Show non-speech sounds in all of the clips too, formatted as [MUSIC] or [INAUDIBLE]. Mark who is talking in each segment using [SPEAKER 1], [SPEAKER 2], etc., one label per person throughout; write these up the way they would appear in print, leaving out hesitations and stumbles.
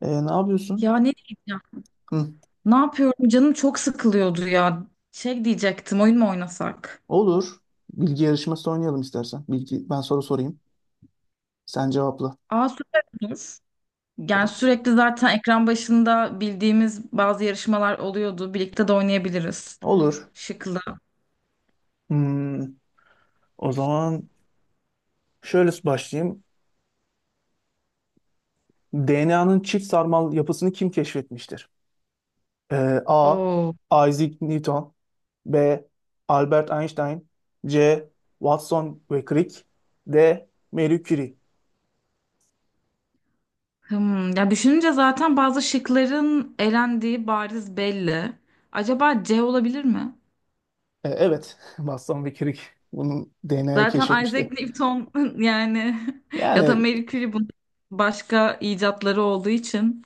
[SPEAKER 1] Ne
[SPEAKER 2] Ya
[SPEAKER 1] yapıyorsun?
[SPEAKER 2] ne diyeceğim?
[SPEAKER 1] Hı.
[SPEAKER 2] Ne yapıyorum? Canım çok sıkılıyordu ya. Şey diyecektim, oyun mu oynasak?
[SPEAKER 1] Olur. Bilgi yarışması oynayalım istersen. Ben soru sorayım. Sen cevapla.
[SPEAKER 2] Aa süper olur. Yani
[SPEAKER 1] Soru.
[SPEAKER 2] sürekli zaten ekran başında bildiğimiz bazı yarışmalar oluyordu. Birlikte de oynayabiliriz.
[SPEAKER 1] Olur.
[SPEAKER 2] Şıklı.
[SPEAKER 1] Hmm, o zaman şöyle başlayayım. DNA'nın çift sarmal yapısını kim keşfetmiştir? Ee, A.
[SPEAKER 2] Oo.
[SPEAKER 1] Isaac Newton. B. Albert Einstein. C. Watson ve Crick. D. Marie Curie.
[SPEAKER 2] Hmm. Ya düşününce zaten bazı şıkların elendiği bariz belli. Acaba C olabilir mi?
[SPEAKER 1] Evet. [LAUGHS] Watson ve Crick bunun DNA'yı
[SPEAKER 2] Zaten
[SPEAKER 1] keşfetmişti.
[SPEAKER 2] Isaac Newton [LAUGHS] yani [LAUGHS] ya da
[SPEAKER 1] Yani,
[SPEAKER 2] Marie Curie bunun başka icatları olduğu için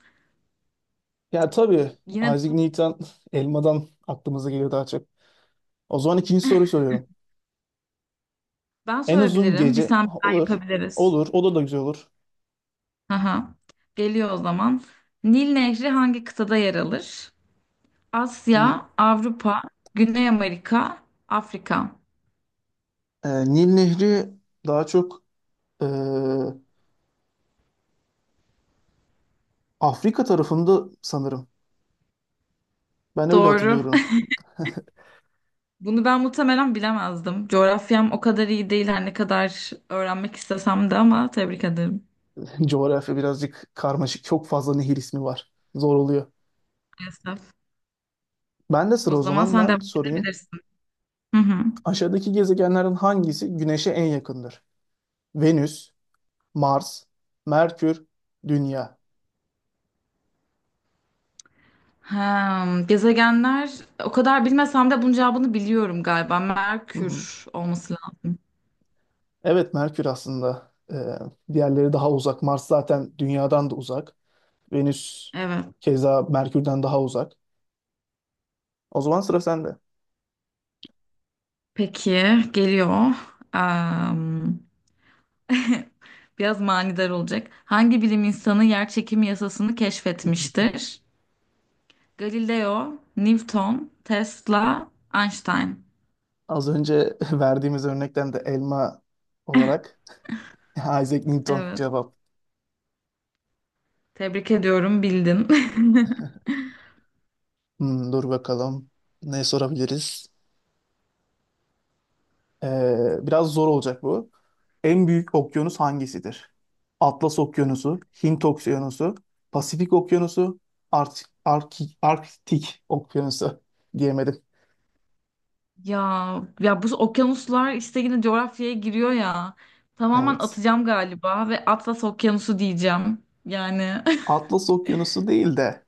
[SPEAKER 1] ya tabii
[SPEAKER 2] yine.
[SPEAKER 1] Isaac Newton [LAUGHS] elmadan aklımıza geliyor daha çok. O zaman ikinci soruyu soruyorum.
[SPEAKER 2] Ben
[SPEAKER 1] En uzun
[SPEAKER 2] sorabilirim. Bir
[SPEAKER 1] gece
[SPEAKER 2] sen bir
[SPEAKER 1] Ha,
[SPEAKER 2] ben
[SPEAKER 1] olur.
[SPEAKER 2] yapabiliriz.
[SPEAKER 1] Olur. O da güzel olur.
[SPEAKER 2] Aha. Geliyor o zaman. Nil Nehri hangi kıtada yer alır?
[SPEAKER 1] Hmm,
[SPEAKER 2] Asya, Avrupa, Güney Amerika, Afrika.
[SPEAKER 1] e, Nil Nehri daha çok, e, Afrika tarafında sanırım. Ben öyle
[SPEAKER 2] Doğru.
[SPEAKER 1] hatırlıyorum.
[SPEAKER 2] [LAUGHS] Bunu ben muhtemelen bilemezdim. Coğrafyam o kadar iyi değil her ne kadar öğrenmek istesem de ama tebrik ederim.
[SPEAKER 1] [LAUGHS] Coğrafya birazcık karmaşık. Çok fazla nehir ismi var. Zor oluyor.
[SPEAKER 2] Maalesef.
[SPEAKER 1] Ben de sıra
[SPEAKER 2] O
[SPEAKER 1] o
[SPEAKER 2] zaman
[SPEAKER 1] zaman
[SPEAKER 2] sen devam
[SPEAKER 1] ben sorayım.
[SPEAKER 2] edebilirsin. Hı hı.
[SPEAKER 1] Aşağıdaki gezegenlerin hangisi Güneş'e en yakındır? Venüs, Mars, Merkür, Dünya.
[SPEAKER 2] Ha, gezegenler o kadar bilmesem de bunun cevabını biliyorum galiba.
[SPEAKER 1] Hı hı.
[SPEAKER 2] Merkür olması lazım.
[SPEAKER 1] Evet, Merkür aslında, diğerleri daha uzak. Mars zaten Dünya'dan da uzak. Venüs
[SPEAKER 2] Evet.
[SPEAKER 1] keza Merkür'den daha uzak. O zaman sıra sende.
[SPEAKER 2] Peki geliyor. Am, [LAUGHS] biraz manidar olacak. Hangi bilim insanı yer çekimi yasasını
[SPEAKER 1] [LAUGHS]
[SPEAKER 2] keşfetmiştir? Galileo, Newton, Tesla, Einstein.
[SPEAKER 1] Az önce [LAUGHS] verdiğimiz örnekten de elma olarak [LAUGHS] Isaac Newton
[SPEAKER 2] Evet.
[SPEAKER 1] cevap.
[SPEAKER 2] Tebrik ediyorum, bildin. [LAUGHS]
[SPEAKER 1] Dur bakalım, ne sorabiliriz? Biraz zor olacak bu. En büyük okyanus hangisidir? Atlas Okyanusu, Hint Okyanusu, Pasifik Okyanusu, Arktik Okyanusu [LAUGHS] diyemedim.
[SPEAKER 2] Ya ya bu okyanuslar işte yine coğrafyaya giriyor ya. Tamamen
[SPEAKER 1] Evet.
[SPEAKER 2] atacağım galiba ve Atlas Okyanusu diyeceğim. Yani
[SPEAKER 1] Atlas Okyanusu değil de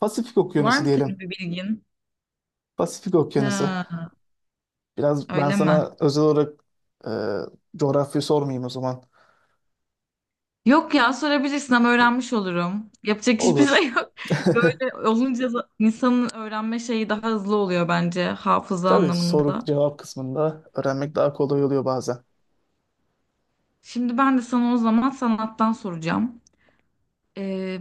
[SPEAKER 1] Pasifik
[SPEAKER 2] [LAUGHS] var
[SPEAKER 1] Okyanusu
[SPEAKER 2] mı senin
[SPEAKER 1] diyelim.
[SPEAKER 2] bir bilgin?
[SPEAKER 1] Pasifik Okyanusu.
[SPEAKER 2] Ha,
[SPEAKER 1] Biraz ben
[SPEAKER 2] öyle mi?
[SPEAKER 1] sana özel olarak e, coğrafya sormayayım o zaman.
[SPEAKER 2] Yok ya sorabilirsin ama öğrenmiş olurum. Yapacak hiçbir şey
[SPEAKER 1] Olur.
[SPEAKER 2] yok. [LAUGHS]
[SPEAKER 1] [LAUGHS]
[SPEAKER 2] Böyle olunca da insanın öğrenme şeyi daha hızlı oluyor bence hafıza
[SPEAKER 1] Tabii, soru
[SPEAKER 2] anlamında.
[SPEAKER 1] cevap kısmında öğrenmek daha kolay oluyor bazen.
[SPEAKER 2] Şimdi ben de sana o zaman sanattan soracağım. Ee,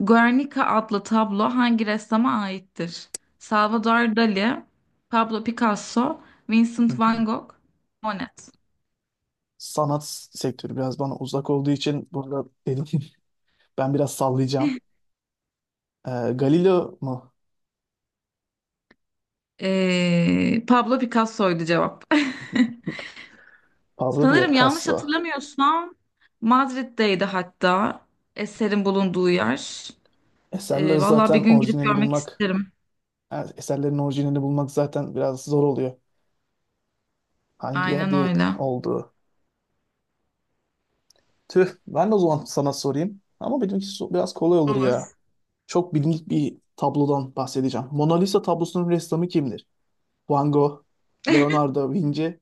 [SPEAKER 2] Guernica adlı tablo hangi ressama aittir? Salvador Dali, Pablo Picasso,
[SPEAKER 1] Hı
[SPEAKER 2] Vincent
[SPEAKER 1] hı.
[SPEAKER 2] van Gogh, Monet.
[SPEAKER 1] Sanat sektörü biraz bana uzak olduğu için burada dedim ki [LAUGHS] ben biraz sallayacağım. Galileo mu?
[SPEAKER 2] Pablo Picasso'ydu cevap. [LAUGHS]
[SPEAKER 1] Pablo
[SPEAKER 2] Sanırım yanlış
[SPEAKER 1] Picasso.
[SPEAKER 2] hatırlamıyorsam Madrid'deydi hatta eserin bulunduğu yer.
[SPEAKER 1] Eserleri
[SPEAKER 2] Vallahi bir
[SPEAKER 1] zaten
[SPEAKER 2] gün gidip
[SPEAKER 1] orijinali
[SPEAKER 2] görmek
[SPEAKER 1] bulmak,
[SPEAKER 2] isterim.
[SPEAKER 1] yani eserlerin orijinalini bulmak zaten biraz zor oluyor. Hangi
[SPEAKER 2] Aynen
[SPEAKER 1] yerde
[SPEAKER 2] öyle.
[SPEAKER 1] oldu? Tüh, ben de o zaman sana sorayım. Ama benimki biraz kolay olur ya.
[SPEAKER 2] Olur.
[SPEAKER 1] Çok bilindik bir tablodan bahsedeceğim. Mona Lisa tablosunun ressamı kimdir? Van Gogh, Leonardo da Vinci,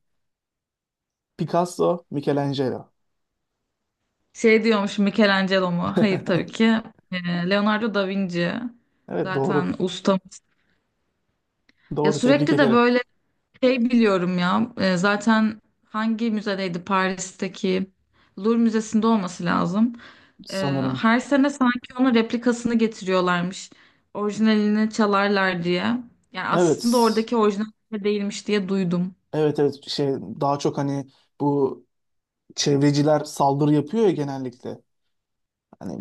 [SPEAKER 1] Picasso, Michelangelo.
[SPEAKER 2] Şey diyormuş Michelangelo mu? Hayır tabii ki.
[SPEAKER 1] [LAUGHS]
[SPEAKER 2] Leonardo da Vinci.
[SPEAKER 1] Evet,
[SPEAKER 2] Zaten
[SPEAKER 1] doğru.
[SPEAKER 2] ustamız. Ya
[SPEAKER 1] Doğru, tebrik
[SPEAKER 2] sürekli de
[SPEAKER 1] ederim
[SPEAKER 2] böyle şey biliyorum ya zaten hangi müzedeydi Paris'teki Louvre Müzesi'nde olması lazım. E,
[SPEAKER 1] sanırım.
[SPEAKER 2] her sene sanki onun replikasını getiriyorlarmış. Orijinalini çalarlar diye. Yani aslında
[SPEAKER 1] Evet.
[SPEAKER 2] oradaki orijinal değilmiş diye duydum.
[SPEAKER 1] Evet, evet, daha çok hani bu çevreciler saldırı yapıyor ya genellikle.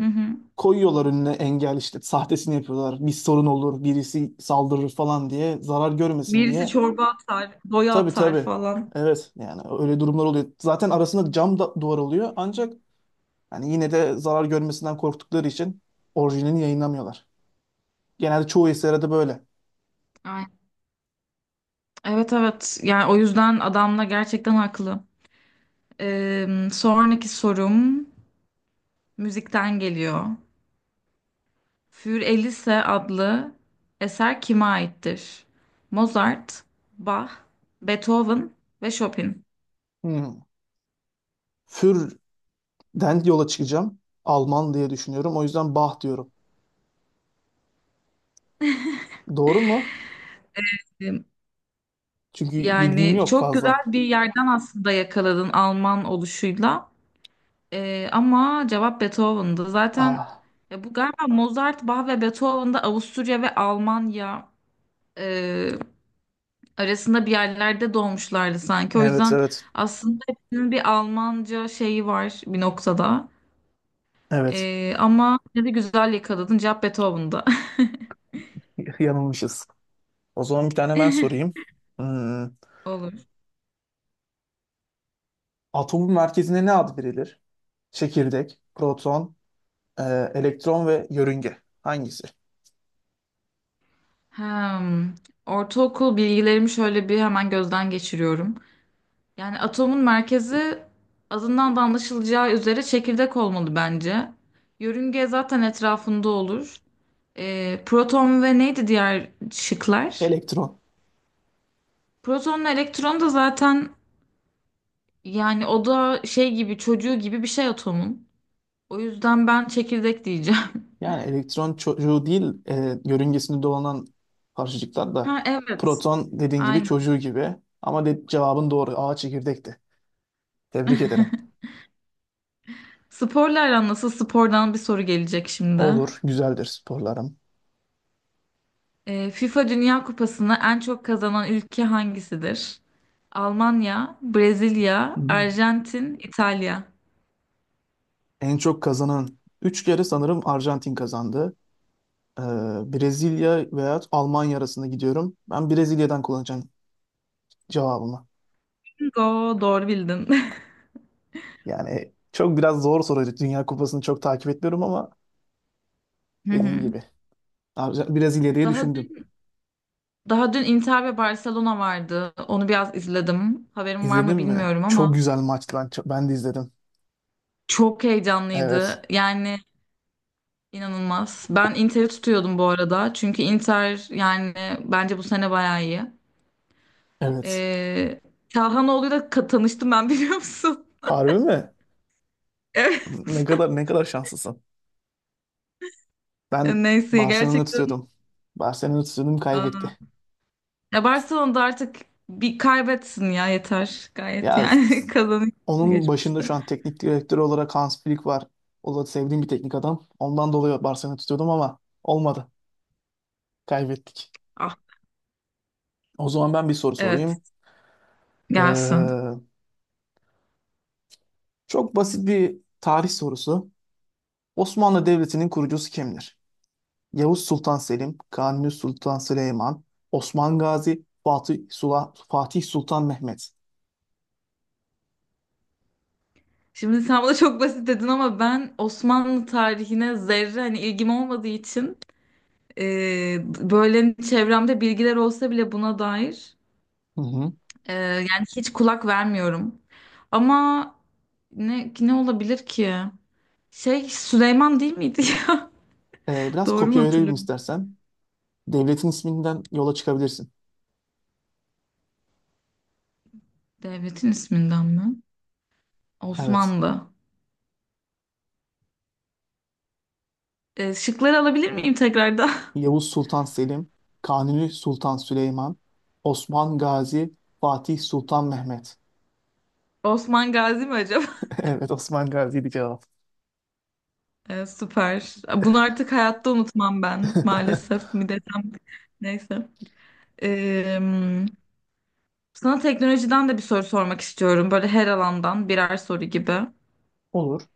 [SPEAKER 2] Hı hı.
[SPEAKER 1] koyuyorlar önüne engel, işte sahtesini yapıyorlar. Bir sorun olur, birisi saldırır falan diye zarar görmesin
[SPEAKER 2] Birisi
[SPEAKER 1] diye.
[SPEAKER 2] çorba atar, boya
[SPEAKER 1] Tabii,
[SPEAKER 2] atar
[SPEAKER 1] tabii.
[SPEAKER 2] falan.
[SPEAKER 1] Evet, yani öyle durumlar oluyor. Zaten arasında cam da duvar oluyor ancak yani yine de zarar görmesinden korktukları için orijinalini yayınlamıyorlar. Genelde çoğu eserde de böyle.
[SPEAKER 2] Ay, evet evet yani o yüzden adamla gerçekten haklı. E, sonraki sorum müzikten geliyor. Für Elise adlı eser kime aittir? Mozart, Bach, Beethoven ve Chopin.
[SPEAKER 1] Hmm. Für'den yola çıkacağım. Alman diye düşünüyorum. O yüzden Bach diyorum. Doğru mu?
[SPEAKER 2] E,
[SPEAKER 1] Çünkü bilgim
[SPEAKER 2] yani
[SPEAKER 1] yok
[SPEAKER 2] çok güzel
[SPEAKER 1] fazla.
[SPEAKER 2] bir yerden aslında yakaladın Alman oluşuyla. E, ama cevap Beethoven'dı. Zaten
[SPEAKER 1] Ah,
[SPEAKER 2] ya bu galiba Mozart, Bach ve Beethoven'da Avusturya ve Almanya e, arasında bir yerlerde doğmuşlardı sanki. O
[SPEAKER 1] evet,
[SPEAKER 2] yüzden
[SPEAKER 1] evet.
[SPEAKER 2] aslında hepsinin bir Almanca şeyi var bir noktada.
[SPEAKER 1] Evet.
[SPEAKER 2] Ama yine de güzel yakaladın. Cevap Beethoven'da.
[SPEAKER 1] [LAUGHS] Yanılmışız. O zaman bir tane ben sorayım. Hmm,
[SPEAKER 2] [LAUGHS] Olur.
[SPEAKER 1] Atomun merkezine ne ad verilir? Çekirdek, proton, e, elektron ve yörünge. Hangisi?
[SPEAKER 2] Hem, ortaokul bilgilerimi şöyle bir hemen gözden geçiriyorum. Yani atomun merkezi adından da anlaşılacağı üzere çekirdek olmalı bence. Yörünge zaten etrafında olur. Proton ve neydi diğer şıklar?
[SPEAKER 1] Elektron.
[SPEAKER 2] Protonla elektron da zaten yani o da şey gibi çocuğu gibi bir şey atomun. O yüzden ben çekirdek diyeceğim. [LAUGHS]
[SPEAKER 1] Yani elektron çocuğu değil, yörüngesinde dolanan parçacıklar da.
[SPEAKER 2] Ha evet.
[SPEAKER 1] Proton dediğin gibi çocuğu gibi. Ama cevabın doğru. A çekirdekti. Tebrik ederim.
[SPEAKER 2] Sporla aran nasıl? Spordan bir soru gelecek şimdi.
[SPEAKER 1] Olur, güzeldir sporlarım.
[SPEAKER 2] FIFA Dünya Kupası'nı en çok kazanan ülke hangisidir? Almanya, Brezilya,
[SPEAKER 1] Hmm.
[SPEAKER 2] Arjantin, İtalya.
[SPEAKER 1] En çok kazanan 3 kere sanırım Arjantin kazandı. Ee, Brezilya veya Almanya arasında gidiyorum. Ben Brezilya'dan kullanacağım cevabımı.
[SPEAKER 2] Bingo, doğru bildin. [LAUGHS]
[SPEAKER 1] Yani çok biraz zor soruydu. Dünya Kupası'nı çok takip etmiyorum ama
[SPEAKER 2] Hı
[SPEAKER 1] dediğin
[SPEAKER 2] hı.
[SPEAKER 1] gibi. Abi, biraz ileriye
[SPEAKER 2] Daha
[SPEAKER 1] düşündüm.
[SPEAKER 2] dün, daha dün Inter ve Barcelona vardı. Onu biraz izledim. Haberim var
[SPEAKER 1] İzledin
[SPEAKER 2] mı
[SPEAKER 1] mi?
[SPEAKER 2] bilmiyorum
[SPEAKER 1] Çok
[SPEAKER 2] ama
[SPEAKER 1] güzel maçtı. Ben de izledim.
[SPEAKER 2] çok
[SPEAKER 1] Evet.
[SPEAKER 2] heyecanlıydı. Yani inanılmaz. Ben Inter'i tutuyordum bu arada. Çünkü Inter yani bence bu sene bayağı iyi.
[SPEAKER 1] Evet.
[SPEAKER 2] Ee, Kahhanoğlu'yla tanıştım ben biliyor musun?
[SPEAKER 1] Harbi mi?
[SPEAKER 2] [LAUGHS] Evet.
[SPEAKER 1] Ne kadar, ne kadar şanslısın. Ben
[SPEAKER 2] Neyse
[SPEAKER 1] Barcelona'yı
[SPEAKER 2] gerçekten.
[SPEAKER 1] tutuyordum. Barcelona'yı tutuyordum,
[SPEAKER 2] Aa.
[SPEAKER 1] kaybetti.
[SPEAKER 2] Ya Barcelona'da artık bir kaybetsin ya yeter gayet
[SPEAKER 1] Ya
[SPEAKER 2] yani [LAUGHS]
[SPEAKER 1] s-
[SPEAKER 2] kazanıyor
[SPEAKER 1] onun başında
[SPEAKER 2] geçmişte.
[SPEAKER 1] şu an teknik direktör olarak Hans Flick var. O da sevdiğim bir teknik adam. Ondan dolayı Barcelona'yı tutuyordum ama olmadı. Kaybettik.
[SPEAKER 2] Ah
[SPEAKER 1] O zaman ben bir soru
[SPEAKER 2] evet,
[SPEAKER 1] sorayım.
[SPEAKER 2] gelsin.
[SPEAKER 1] Ee, Çok basit bir tarih sorusu. Osmanlı Devleti'nin kurucusu kimdir? Yavuz Sultan Selim, Kanuni Sultan Süleyman, Osman Gazi, Fatih Sultan Mehmet.
[SPEAKER 2] Şimdi sen bana çok basit dedin ama ben Osmanlı tarihine zerre hani ilgim olmadığı için e, böyle çevremde bilgiler olsa bile buna dair
[SPEAKER 1] Hı hı.
[SPEAKER 2] yani hiç kulak vermiyorum. Ama ne ne olabilir ki? Şey Süleyman değil miydi ya?
[SPEAKER 1] Ee,
[SPEAKER 2] [LAUGHS]
[SPEAKER 1] biraz
[SPEAKER 2] Doğru mu
[SPEAKER 1] kopya verelim
[SPEAKER 2] hatırlıyorum?
[SPEAKER 1] istersen. Devletin isminden yola çıkabilirsin.
[SPEAKER 2] Devletin isminden mi?
[SPEAKER 1] Evet.
[SPEAKER 2] Osmanlı. Şıkları alabilir miyim tekrardan?
[SPEAKER 1] Yavuz Sultan Selim, Kanuni Sultan Süleyman, Osman Gazi, Fatih Sultan Mehmet.
[SPEAKER 2] [LAUGHS] Osman Gazi mi acaba? [LAUGHS]
[SPEAKER 1] [LAUGHS] Evet, Osman Gazi'ydi cevap.
[SPEAKER 2] Süper. Bunu artık hayatta unutmam ben.
[SPEAKER 1] [LAUGHS]
[SPEAKER 2] Maalesef mi desem. Neyse. Ee, Sana teknolojiden de bir soru sormak istiyorum. Böyle her alandan birer soru gibi.
[SPEAKER 1] Olur.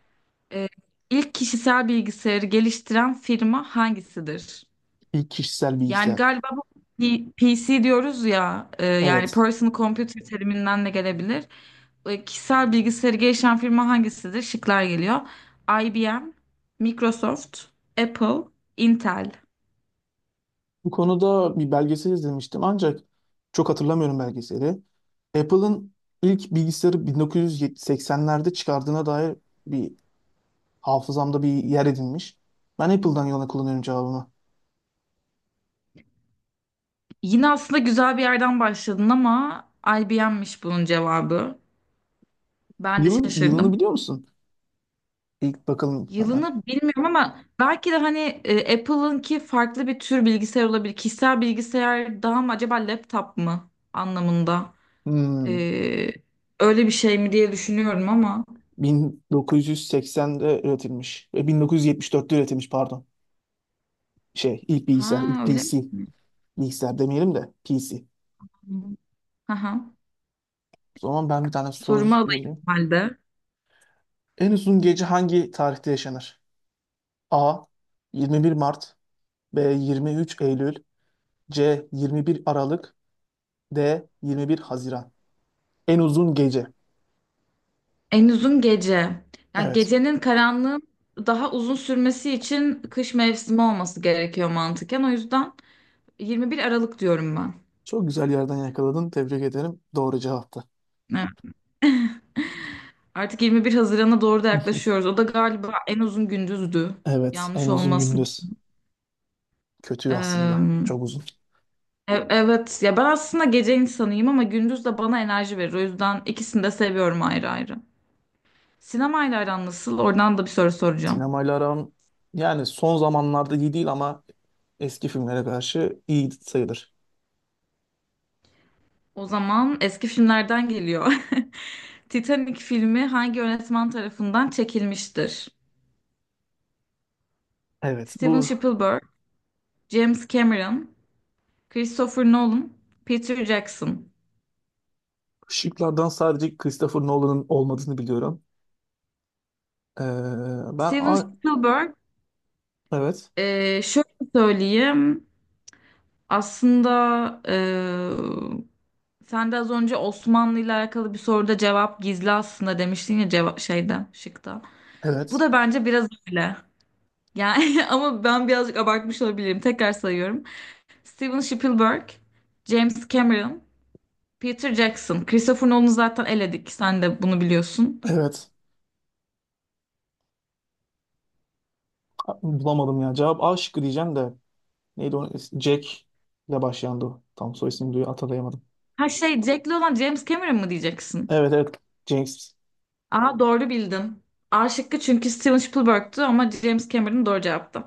[SPEAKER 2] Ee, ilk kişisel bilgisayarı geliştiren firma hangisidir?
[SPEAKER 1] İlk kişisel
[SPEAKER 2] Yani
[SPEAKER 1] bilgisayar.
[SPEAKER 2] galiba bu PC diyoruz ya yani
[SPEAKER 1] Evet.
[SPEAKER 2] personal computer teriminden de gelebilir. E, kişisel bilgisayarı geliştiren firma hangisidir? Şıklar geliyor. IBM, Microsoft, Apple, Intel.
[SPEAKER 1] Bu konuda bir belgesel izlemiştim ancak çok hatırlamıyorum belgeseli. Apple'ın ilk bilgisayarı 1980'lerde çıkardığına dair bir hafızamda bir yer edinmiş. Ben Apple'dan yana kullanıyorum cevabımı.
[SPEAKER 2] Yine aslında güzel bir yerden başladın ama IBM'miş bunun cevabı. Ben de
[SPEAKER 1] Yılını
[SPEAKER 2] şaşırdım.
[SPEAKER 1] biliyor musun? İlk bakalım hemen.
[SPEAKER 2] Yılını bilmiyorum ama belki de hani Apple'ınki farklı bir tür bilgisayar olabilir. Kişisel bilgisayar daha mı acaba laptop mu anlamında?
[SPEAKER 1] Hmm,
[SPEAKER 2] Ee, Öyle bir şey mi diye düşünüyorum ama.
[SPEAKER 1] 1980'de üretilmiş. 1974'te üretilmiş pardon. Şey ilk bilgisayar,
[SPEAKER 2] Ha
[SPEAKER 1] ilk
[SPEAKER 2] öyle
[SPEAKER 1] PC.
[SPEAKER 2] mi?
[SPEAKER 1] Bilgisayar demeyelim de PC.
[SPEAKER 2] Aha.
[SPEAKER 1] O zaman ben bir tane soru
[SPEAKER 2] Sorumu alayım
[SPEAKER 1] yazayım.
[SPEAKER 2] o halde.
[SPEAKER 1] En uzun gece hangi tarihte yaşanır? A. 21 Mart. B. 23 Eylül. C. 21 Aralık. D. 21 Haziran. En uzun gece.
[SPEAKER 2] En uzun gece. Yani
[SPEAKER 1] Evet.
[SPEAKER 2] gecenin karanlığın daha uzun sürmesi için kış mevsimi olması gerekiyor mantıken. O yüzden 21 Aralık diyorum ben.
[SPEAKER 1] Çok güzel yerden yakaladın. Tebrik ederim. Doğru cevaptı.
[SPEAKER 2] Evet. Artık 21 Haziran'a doğru da
[SPEAKER 1] [LAUGHS]
[SPEAKER 2] yaklaşıyoruz. O da galiba en uzun gündüzdü.
[SPEAKER 1] Evet. En
[SPEAKER 2] Yanlış
[SPEAKER 1] uzun
[SPEAKER 2] olmasın.
[SPEAKER 1] gündüz. Kötü aslında.
[SPEAKER 2] Ee,
[SPEAKER 1] Çok uzun.
[SPEAKER 2] evet ya ben aslında gece insanıyım ama gündüz de bana enerji verir. O yüzden ikisini de seviyorum ayrı ayrı. Sinemayla aran nasıl? Oradan da bir soru soracağım.
[SPEAKER 1] Sinemayla aram yani son zamanlarda iyi değil ama eski filmlere karşı iyi sayılır.
[SPEAKER 2] O zaman eski filmlerden geliyor. [LAUGHS] Titanic filmi hangi yönetmen tarafından çekilmiştir?
[SPEAKER 1] Evet.
[SPEAKER 2] Steven
[SPEAKER 1] Bu
[SPEAKER 2] Spielberg, James Cameron, Christopher Nolan, Peter Jackson.
[SPEAKER 1] şıklardan sadece Christopher Nolan'ın olmadığını biliyorum. Ee, ben
[SPEAKER 2] Steven
[SPEAKER 1] A-
[SPEAKER 2] Spielberg,
[SPEAKER 1] evet.
[SPEAKER 2] şöyle söyleyeyim. Aslında e, sen de az önce Osmanlı ile alakalı bir soruda cevap gizli aslında demiştin ya, cevap şeyde, şıkta. Bu
[SPEAKER 1] Evet.
[SPEAKER 2] da bence biraz öyle. Yani [LAUGHS] ama ben birazcık abartmış olabilirim. Tekrar sayıyorum. Steven Spielberg, James Cameron, Peter Jackson. Christopher Nolan'ı zaten eledik. Sen de bunu biliyorsun.
[SPEAKER 1] Evet. Bulamadım ya. Cevap A şıkkı diyeceğim de. Neydi o? Jack ile başlayandı o. Tam soy ismini duyu hatırlayamadım.
[SPEAKER 2] Ha şey Jack'li olan James Cameron mı diyeceksin?
[SPEAKER 1] Evet, evet. James.
[SPEAKER 2] Aa doğru bildin. A şıkkı çünkü Steven Spielberg'tü ama James Cameron doğru cevaptı.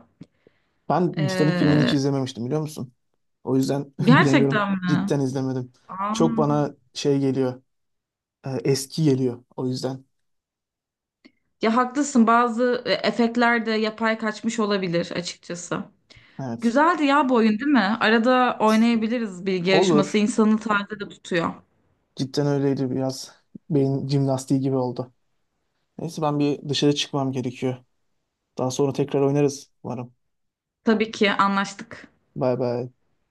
[SPEAKER 1] Ben Titanic filmini hiç
[SPEAKER 2] Ee,
[SPEAKER 1] izlememiştim biliyor musun? O yüzden [LAUGHS] bilemiyorum.
[SPEAKER 2] Gerçekten mi?
[SPEAKER 1] Cidden izlemedim.
[SPEAKER 2] Aa.
[SPEAKER 1] Çok bana şey geliyor. Eski geliyor. O yüzden.
[SPEAKER 2] Ya haklısın, bazı efektler de yapay kaçmış olabilir açıkçası.
[SPEAKER 1] Evet.
[SPEAKER 2] Güzeldi ya bu oyun değil mi? Arada oynayabiliriz bilgi yarışması.
[SPEAKER 1] Olur.
[SPEAKER 2] İnsanı taze de tutuyor.
[SPEAKER 1] Cidden öyleydi biraz. Beyin jimnastiği gibi oldu. Neyse ben bir dışarı çıkmam gerekiyor. Daha sonra tekrar oynarız umarım.
[SPEAKER 2] Tabii ki anlaştık.
[SPEAKER 1] Bay bay.